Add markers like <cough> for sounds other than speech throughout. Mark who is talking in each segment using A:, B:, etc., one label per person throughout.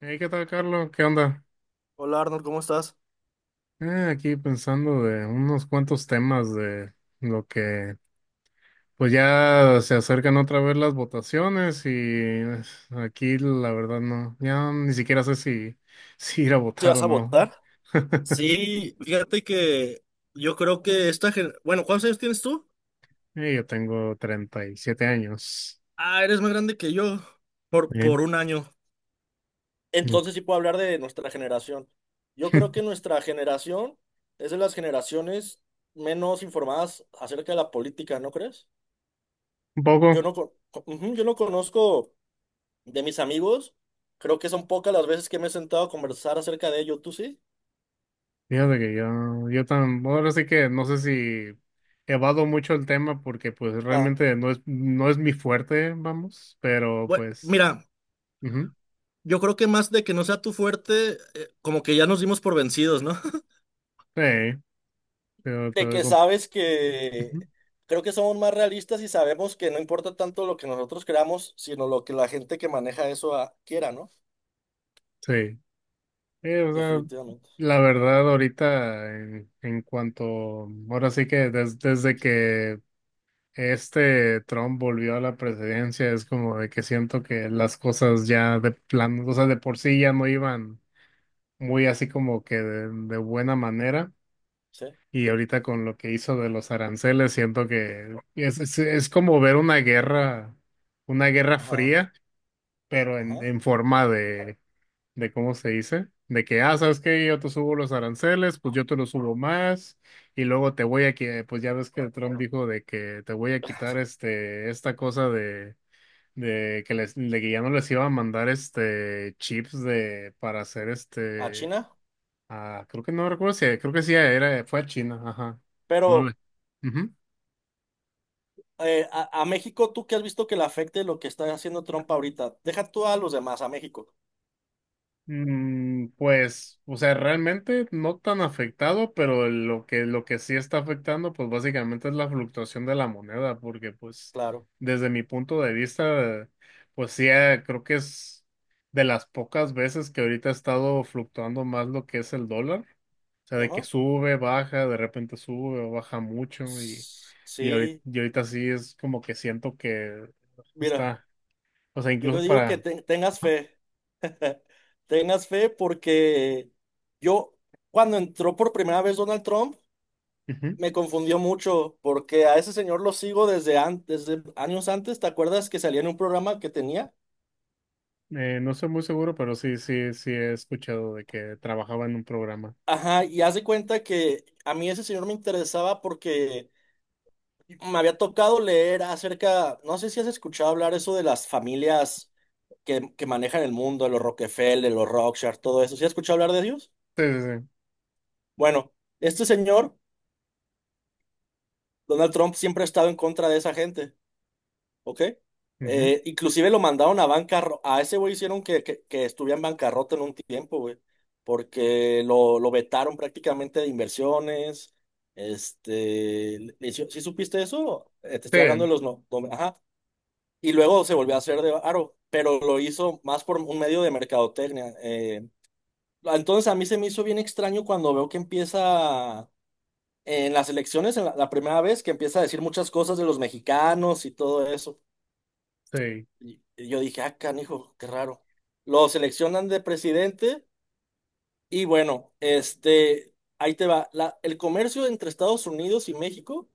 A: Hey, ¿qué tal, Carlos? ¿Qué onda?
B: Hola Arnold, ¿cómo estás?
A: Aquí pensando de unos cuantos temas lo que, pues ya se acercan otra vez las votaciones. Y aquí la verdad no, ya ni siquiera sé si, <laughs> si ir a
B: ¿Sí
A: votar o
B: vas a
A: no.
B: votar? Sí, fíjate que yo creo que bueno, ¿cuántos años tienes tú?
A: Yo tengo 37 años.
B: Ah, eres más grande que yo por
A: Bien.
B: un año.
A: Ok.
B: Entonces sí puedo hablar de nuestra generación. Yo creo que
A: <laughs>
B: nuestra generación es de las generaciones menos informadas acerca de la política, ¿no crees?
A: Un
B: Yo
A: poco.
B: no, con- Ujú, yo no conozco de mis amigos, creo que son pocas las veces que me he sentado a conversar acerca de ello, ¿tú sí?
A: Fíjate que ahora sí que no sé si evado mucho el tema porque pues
B: Ah,
A: realmente no es mi fuerte, vamos, pero
B: bueno,
A: pues...
B: mira. Yo creo que más de que no sea tu fuerte, como que ya nos dimos por vencidos, ¿no? <laughs>
A: Sí, pero te
B: De
A: doy
B: que
A: com-
B: sabes que
A: Ujú.
B: creo que somos más realistas y sabemos que no importa tanto lo que nosotros creamos, sino lo que la gente que maneja eso quiera, ¿no?
A: Sí, o sea,
B: Definitivamente.
A: la verdad ahorita ahora sí que desde que este Trump volvió a la presidencia es como de que siento que las cosas ya de plano, o sea, de por sí ya no iban muy así como que de, buena manera.
B: Sí.
A: Y ahorita con lo que hizo de los aranceles siento que es como ver una guerra
B: Ajá.
A: fría, pero en,
B: Ajá.
A: forma de cómo se dice, de que, sabes que yo te subo los aranceles, pues yo te los subo más. Y luego te voy a quitar, pues ya ves que Trump dijo de que te voy a quitar esta cosa de, de que ya no les iba a mandar chips de, para hacer
B: A China.
A: creo que no recuerdo si, creo que sí era, fue a China, ajá, que no le.
B: Pero
A: Ujú.
B: a México, ¿tú qué has visto que le afecte lo que está haciendo Trump ahorita? Deja tú a los demás, a México.
A: Pues, o sea, realmente no tan afectado, pero lo que sí está afectando, pues básicamente es la fluctuación de la moneda, porque pues
B: Claro.
A: desde mi punto de vista, pues sí, creo que es de las pocas veces que ahorita ha estado fluctuando más lo que es el dólar, o sea, de que
B: Ajá.
A: sube, baja, de repente sube o baja mucho y,
B: S-
A: y ahorita,
B: Sí.
A: y ahorita sí es como que siento que
B: Mira,
A: está, o sea, incluso
B: yo digo que
A: para...
B: tengas fe. <laughs> Tengas fe porque yo, cuando entró por primera vez Donald Trump,
A: Ujú.
B: me confundió mucho porque a ese señor lo sigo desde, antes, desde años antes. ¿Te acuerdas que salía en un programa que tenía?
A: No estoy muy seguro, pero sí, sí, sí he escuchado de que trabajaba en un programa.
B: Ajá, y haz de cuenta que a mí ese señor me interesaba porque me había tocado leer acerca, no sé si has escuchado hablar eso de las familias que manejan el mundo, los Rockefeller, los Rothschild, todo eso. ¿Sí has escuchado hablar de ellos?
A: Sí, sí,
B: Bueno, este señor, Donald Trump, siempre ha estado en contra de esa gente. ¿Ok?
A: sí. Ujú.
B: Inclusive lo mandaron a bancarrota, a ese güey hicieron que estuviera en bancarrota en un tiempo, güey, porque lo vetaron prácticamente de inversiones, este, ¿sí supiste eso? Te estoy hablando
A: Sí,
B: de los, ajá, y luego se volvió a hacer de Aro, pero lo hizo más por un medio de mercadotecnia. Eh. Entonces a mí se me hizo bien extraño cuando veo que empieza... En las elecciones, en la primera vez que empieza a decir muchas cosas de los mexicanos y todo eso.
A: sí.
B: Y yo dije, ah, canijo, qué raro. Lo seleccionan de presidente y bueno, este, ahí te va. El comercio entre Estados Unidos y México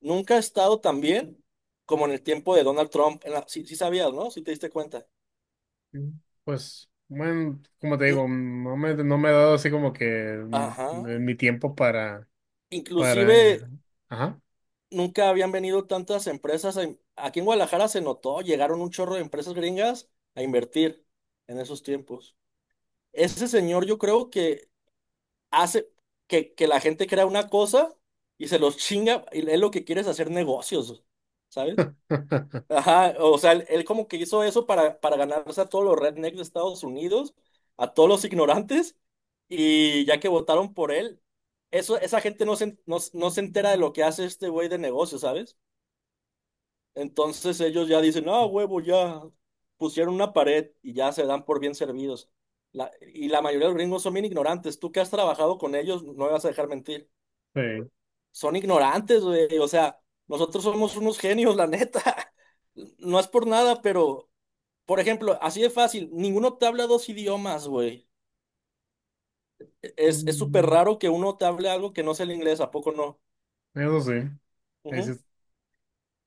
B: nunca ha estado tan bien como en el tiempo de Donald Trump. Sí, sí sabías, ¿no? Sí te diste cuenta.
A: Mm. Pues, bueno, como te
B: Mm,
A: digo, no me he dado así como que
B: ajá.
A: mi tiempo para,
B: Inclusive
A: para, eh, ajá.
B: nunca habían venido tantas empresas. Aquí en Guadalajara se notó, llegaron un chorro de empresas gringas a invertir en esos tiempos. Ese señor yo creo que hace que la gente crea una cosa y se los chinga y él lo que quiere es hacer negocios, ¿sabes?
A: <laughs>
B: Ajá, o sea, él como que hizo eso para ganarse a todos los rednecks de Estados Unidos, a todos los ignorantes, y ya que votaron por él, eso, esa gente no se, no se entera de lo que hace este güey de negocio, ¿sabes? Entonces ellos ya dicen, ah, huevo, ya pusieron una pared y ya se dan por bien servidos. Y la mayoría de los gringos son bien ignorantes. Tú que has trabajado con ellos, no me vas a dejar mentir
A: Sí.
B: son ignorantes, güey. O sea, nosotros somos unos genios, la neta. <laughs> No es por nada, pero, por ejemplo, así de fácil, ninguno te habla dos idiomas, güey. Es súper
A: Mm,
B: raro que uno te hable algo que no sea el inglés, ¿a poco no?
A: eso sí. Ahí sí,
B: Ujú.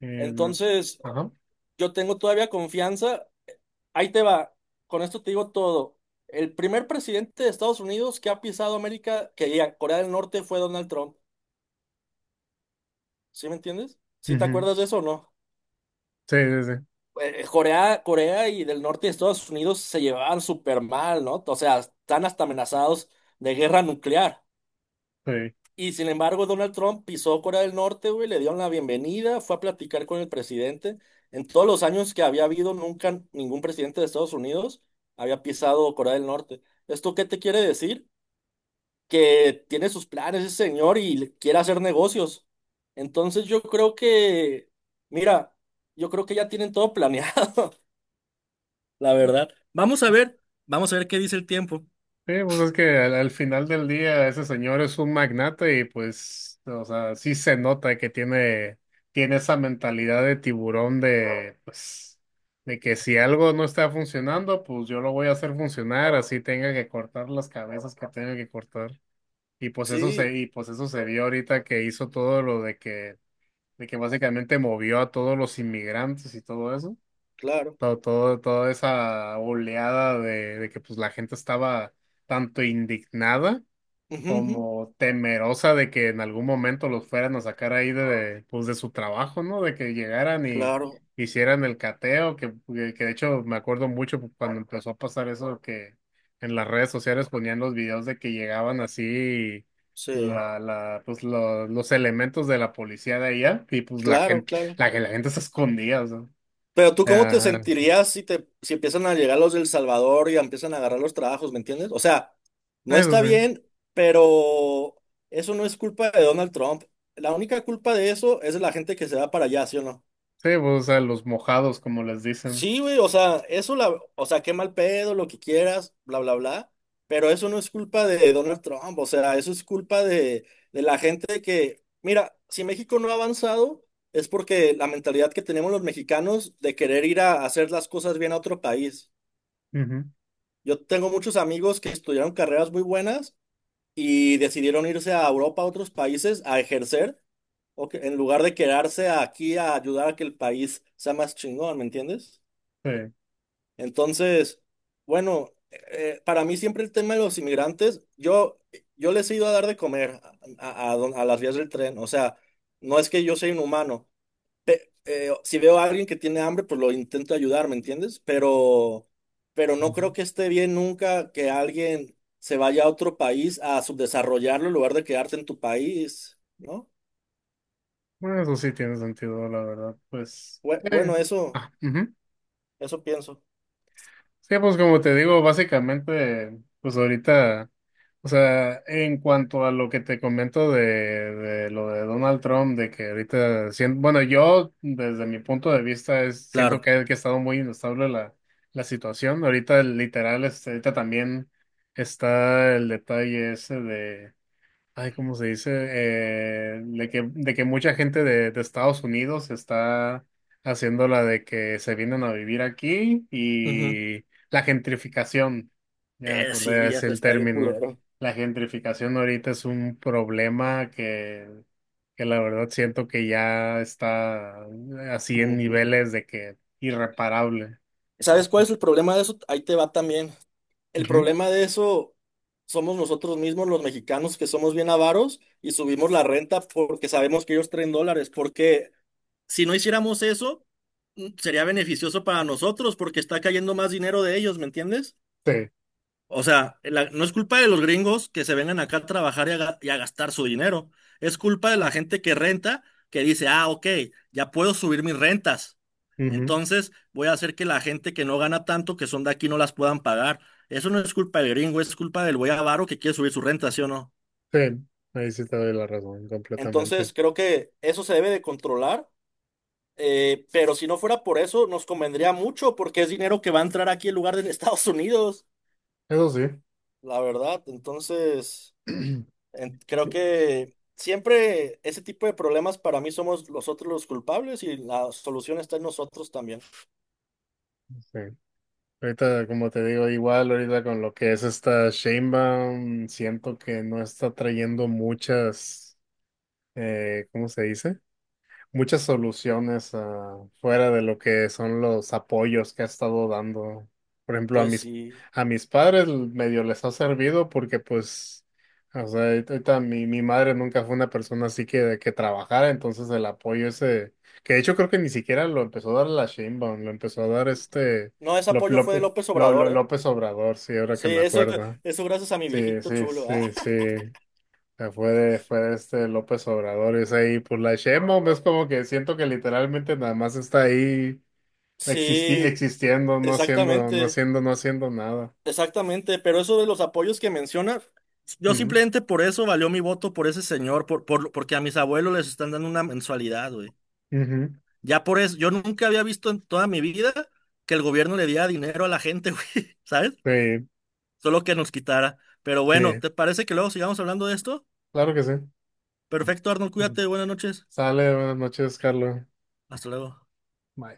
A: eh, la-
B: Entonces,
A: ajá.
B: yo tengo todavía confianza. Ahí te va. Con esto te digo todo. El primer presidente de Estados Unidos que ha pisado América, que ya Corea del Norte, fue Donald Trump. ¿Sí me entiendes? ¿Sí te
A: Ujú.
B: acuerdas de eso o no?
A: Sí, sí, sí.
B: Corea y del norte de Estados Unidos se llevaban súper mal, ¿no? O sea, están hasta amenazados de guerra nuclear.
A: Sí.
B: Y sin embargo, Donald Trump pisó Corea del Norte, güey, le dieron la bienvenida, fue a platicar con el presidente. En todos los años que había habido, nunca ningún presidente de Estados Unidos había pisado Corea del Norte. ¿Esto qué te quiere decir? Que tiene sus planes ese señor y quiere hacer negocios. Entonces yo creo que, mira, yo creo que ya tienen todo <laughs> planeado. La verdad. Vamos a ver qué dice el tiempo.
A: Sí, pues es que al final del día ese señor es un magnate y pues, o sea, sí se nota que tiene esa mentalidad de tiburón de, pues, de que si algo no está funcionando, pues yo lo voy a hacer funcionar, así tenga que cortar las cabezas que tenga que cortar. Y pues eso se,
B: Sí,
A: y pues eso se vio ahorita que hizo todo lo de que básicamente movió a todos los inmigrantes y todo eso,
B: claro.
A: toda esa oleada de que pues la gente estaba tanto indignada
B: Ujú, ujú,
A: como temerosa de que en algún momento los fueran a sacar ahí de, pues de su trabajo, ¿no? De que llegaran y
B: claro,
A: hicieran el cateo, que de hecho me acuerdo mucho cuando empezó a pasar eso, que en las redes sociales ponían los videos de que llegaban así
B: sí,
A: pues los elementos de la policía de allá, y pues la
B: claro,
A: gente,
B: claro.
A: la que la gente se escondía, o sea.
B: Pero tú, ¿cómo te
A: Ajá,
B: sentirías si empiezan a llegar los del Salvador y empiezan a agarrar los trabajos, ¿me entiendes? O sea, no
A: eso
B: está
A: sí.
B: bien, pero eso no es culpa de Donald Trump. La única culpa de eso es de la gente que se va para allá, ¿sí o no?
A: Sí, pues, o sea, los mojados, como les dicen.
B: Sí, güey, o sea, eso la, o sea, qué mal pedo, lo que quieras, bla, bla, bla, pero eso no es culpa de Donald Trump, o sea, eso es culpa de la gente que, mira, si México no ha avanzado, es porque la mentalidad que tenemos los mexicanos de querer ir a hacer las cosas bien a otro país.
A: Ujú.
B: Yo tengo muchos amigos que estudiaron carreras muy buenas y decidieron irse a Europa, a otros países, a ejercer, en lugar de quedarse aquí a ayudar a que el país sea más chingón, ¿me entiendes?
A: Sí.
B: Entonces, bueno, para mí siempre el tema de los inmigrantes, yo les he ido a dar de comer a, a a las vías del tren, o sea, no es que yo sea inhumano. Si veo a alguien que tiene hambre, pues lo intento ayudar, ¿me entiendes? Pero no
A: Ujú.
B: creo que esté bien nunca que alguien se vaya a otro país a subdesarrollarlo en lugar de quedarte en tu país, ¿no?
A: Bueno, eso sí tiene sentido, la verdad. Pues, eh,
B: Bueno, eso,
A: ujú.
B: eso pienso.
A: Sí, pues como te digo, básicamente, pues ahorita, o sea, en cuanto a lo que te comento de lo de Donald Trump, de que ahorita, bueno, yo desde mi punto de vista es,
B: Claro.
A: siento que ha estado muy inestable la situación. Ahorita, literal, ahorita también está el detalle ese. Ay, ¿cómo se dice? De que, mucha gente de Estados Unidos está haciendo la de que se vienen a vivir aquí,
B: Ujú.
A: y la gentrificación, ya me acordé,
B: Sí, ya
A: es el
B: está bien
A: término.
B: culero.
A: La gentrificación ahorita es un problema que la verdad siento que ya está, así en
B: Ujú.
A: niveles de que irreparable. Sí,
B: ¿Sabes cuál es el problema de eso? Ahí te va también. El
A: ujú,
B: problema de eso somos nosotros mismos, los mexicanos, que somos bien avaros y subimos la renta porque sabemos que ellos traen dólares. Porque si no hiciéramos eso, mm, sería beneficioso para nosotros porque está cayendo más dinero de ellos, ¿me entiendes?
A: sí,
B: O sea, no es culpa de los gringos que se vengan acá a trabajar y y a gastar su dinero. Es culpa de la gente que renta, que dice, ah, ok, ya puedo subir mis rentas.
A: ujú,
B: Entonces voy a hacer que la gente que no gana tanto, que son de aquí, no las puedan pagar. Eso no es culpa del gringo, es culpa del güey avaro que quiere subir su renta, ¿sí o no?
A: sí. Ahí sí te doy la razón completamente.
B: Entonces creo que eso se debe de controlar, pero si no fuera por eso, nos convendría mucho porque es dinero que va a entrar aquí en lugar de en Estados Unidos,
A: Eso sí.
B: la verdad. Entonces...
A: <clears throat>
B: Creo
A: Sí,
B: que siempre ese tipo de problemas para mí somos nosotros los culpables y la solución está en nosotros también.
A: sí. Ahorita, como te digo, igual ahorita con lo que es esta Sheinbaum, siento que no está trayendo muchas, ¿cómo se dice? Muchas soluciones, fuera de lo que son los apoyos que ha estado dando. Por ejemplo, a
B: Pues
A: mis,
B: sí.
A: a mis padres medio les ha servido porque pues, o sea, ahorita mi madre nunca fue una persona así que trabajara. Entonces el apoyo ese, que de hecho creo que ni siquiera lo empezó a dar la Sheinbaum, lo empezó a dar
B: No, ese apoyo fue de López Obrador, ¿eh?
A: López Obrador, sí, ahora
B: Sí,
A: que me
B: eso,
A: acuerdo.
B: eso gracias a mi
A: Sí,
B: viejito
A: sí,
B: chulo. Ah.
A: sí, sí
B: <laughs>
A: sea, fue de este López Obrador, y es ahí, pues la Sheinbaum es como que siento que literalmente nada más está ahí existi-
B: Sí,
A: existiendo, no haciendo, no
B: exactamente,
A: haciendo, no haciendo nada.
B: exactamente. Pero eso de los apoyos que mencionas, yo
A: Ujú,
B: simplemente por eso valió mi voto por ese señor, porque a mis abuelos les están dando una mensualidad, güey.
A: ujú.
B: Ya por eso, yo nunca había visto en toda mi vida que el gobierno le diera dinero a la gente, <laughs> güey, ¿sabes?
A: Sí,
B: Solo que nos quitara. Pero bueno,
A: sí,
B: ¿te parece que luego sigamos hablando de esto?
A: claro que sí.
B: Perfecto, Arnold,
A: Ujú.
B: cuídate, buenas noches.
A: Sale, buenas noches, Carlos.
B: Hasta luego.
A: Bye.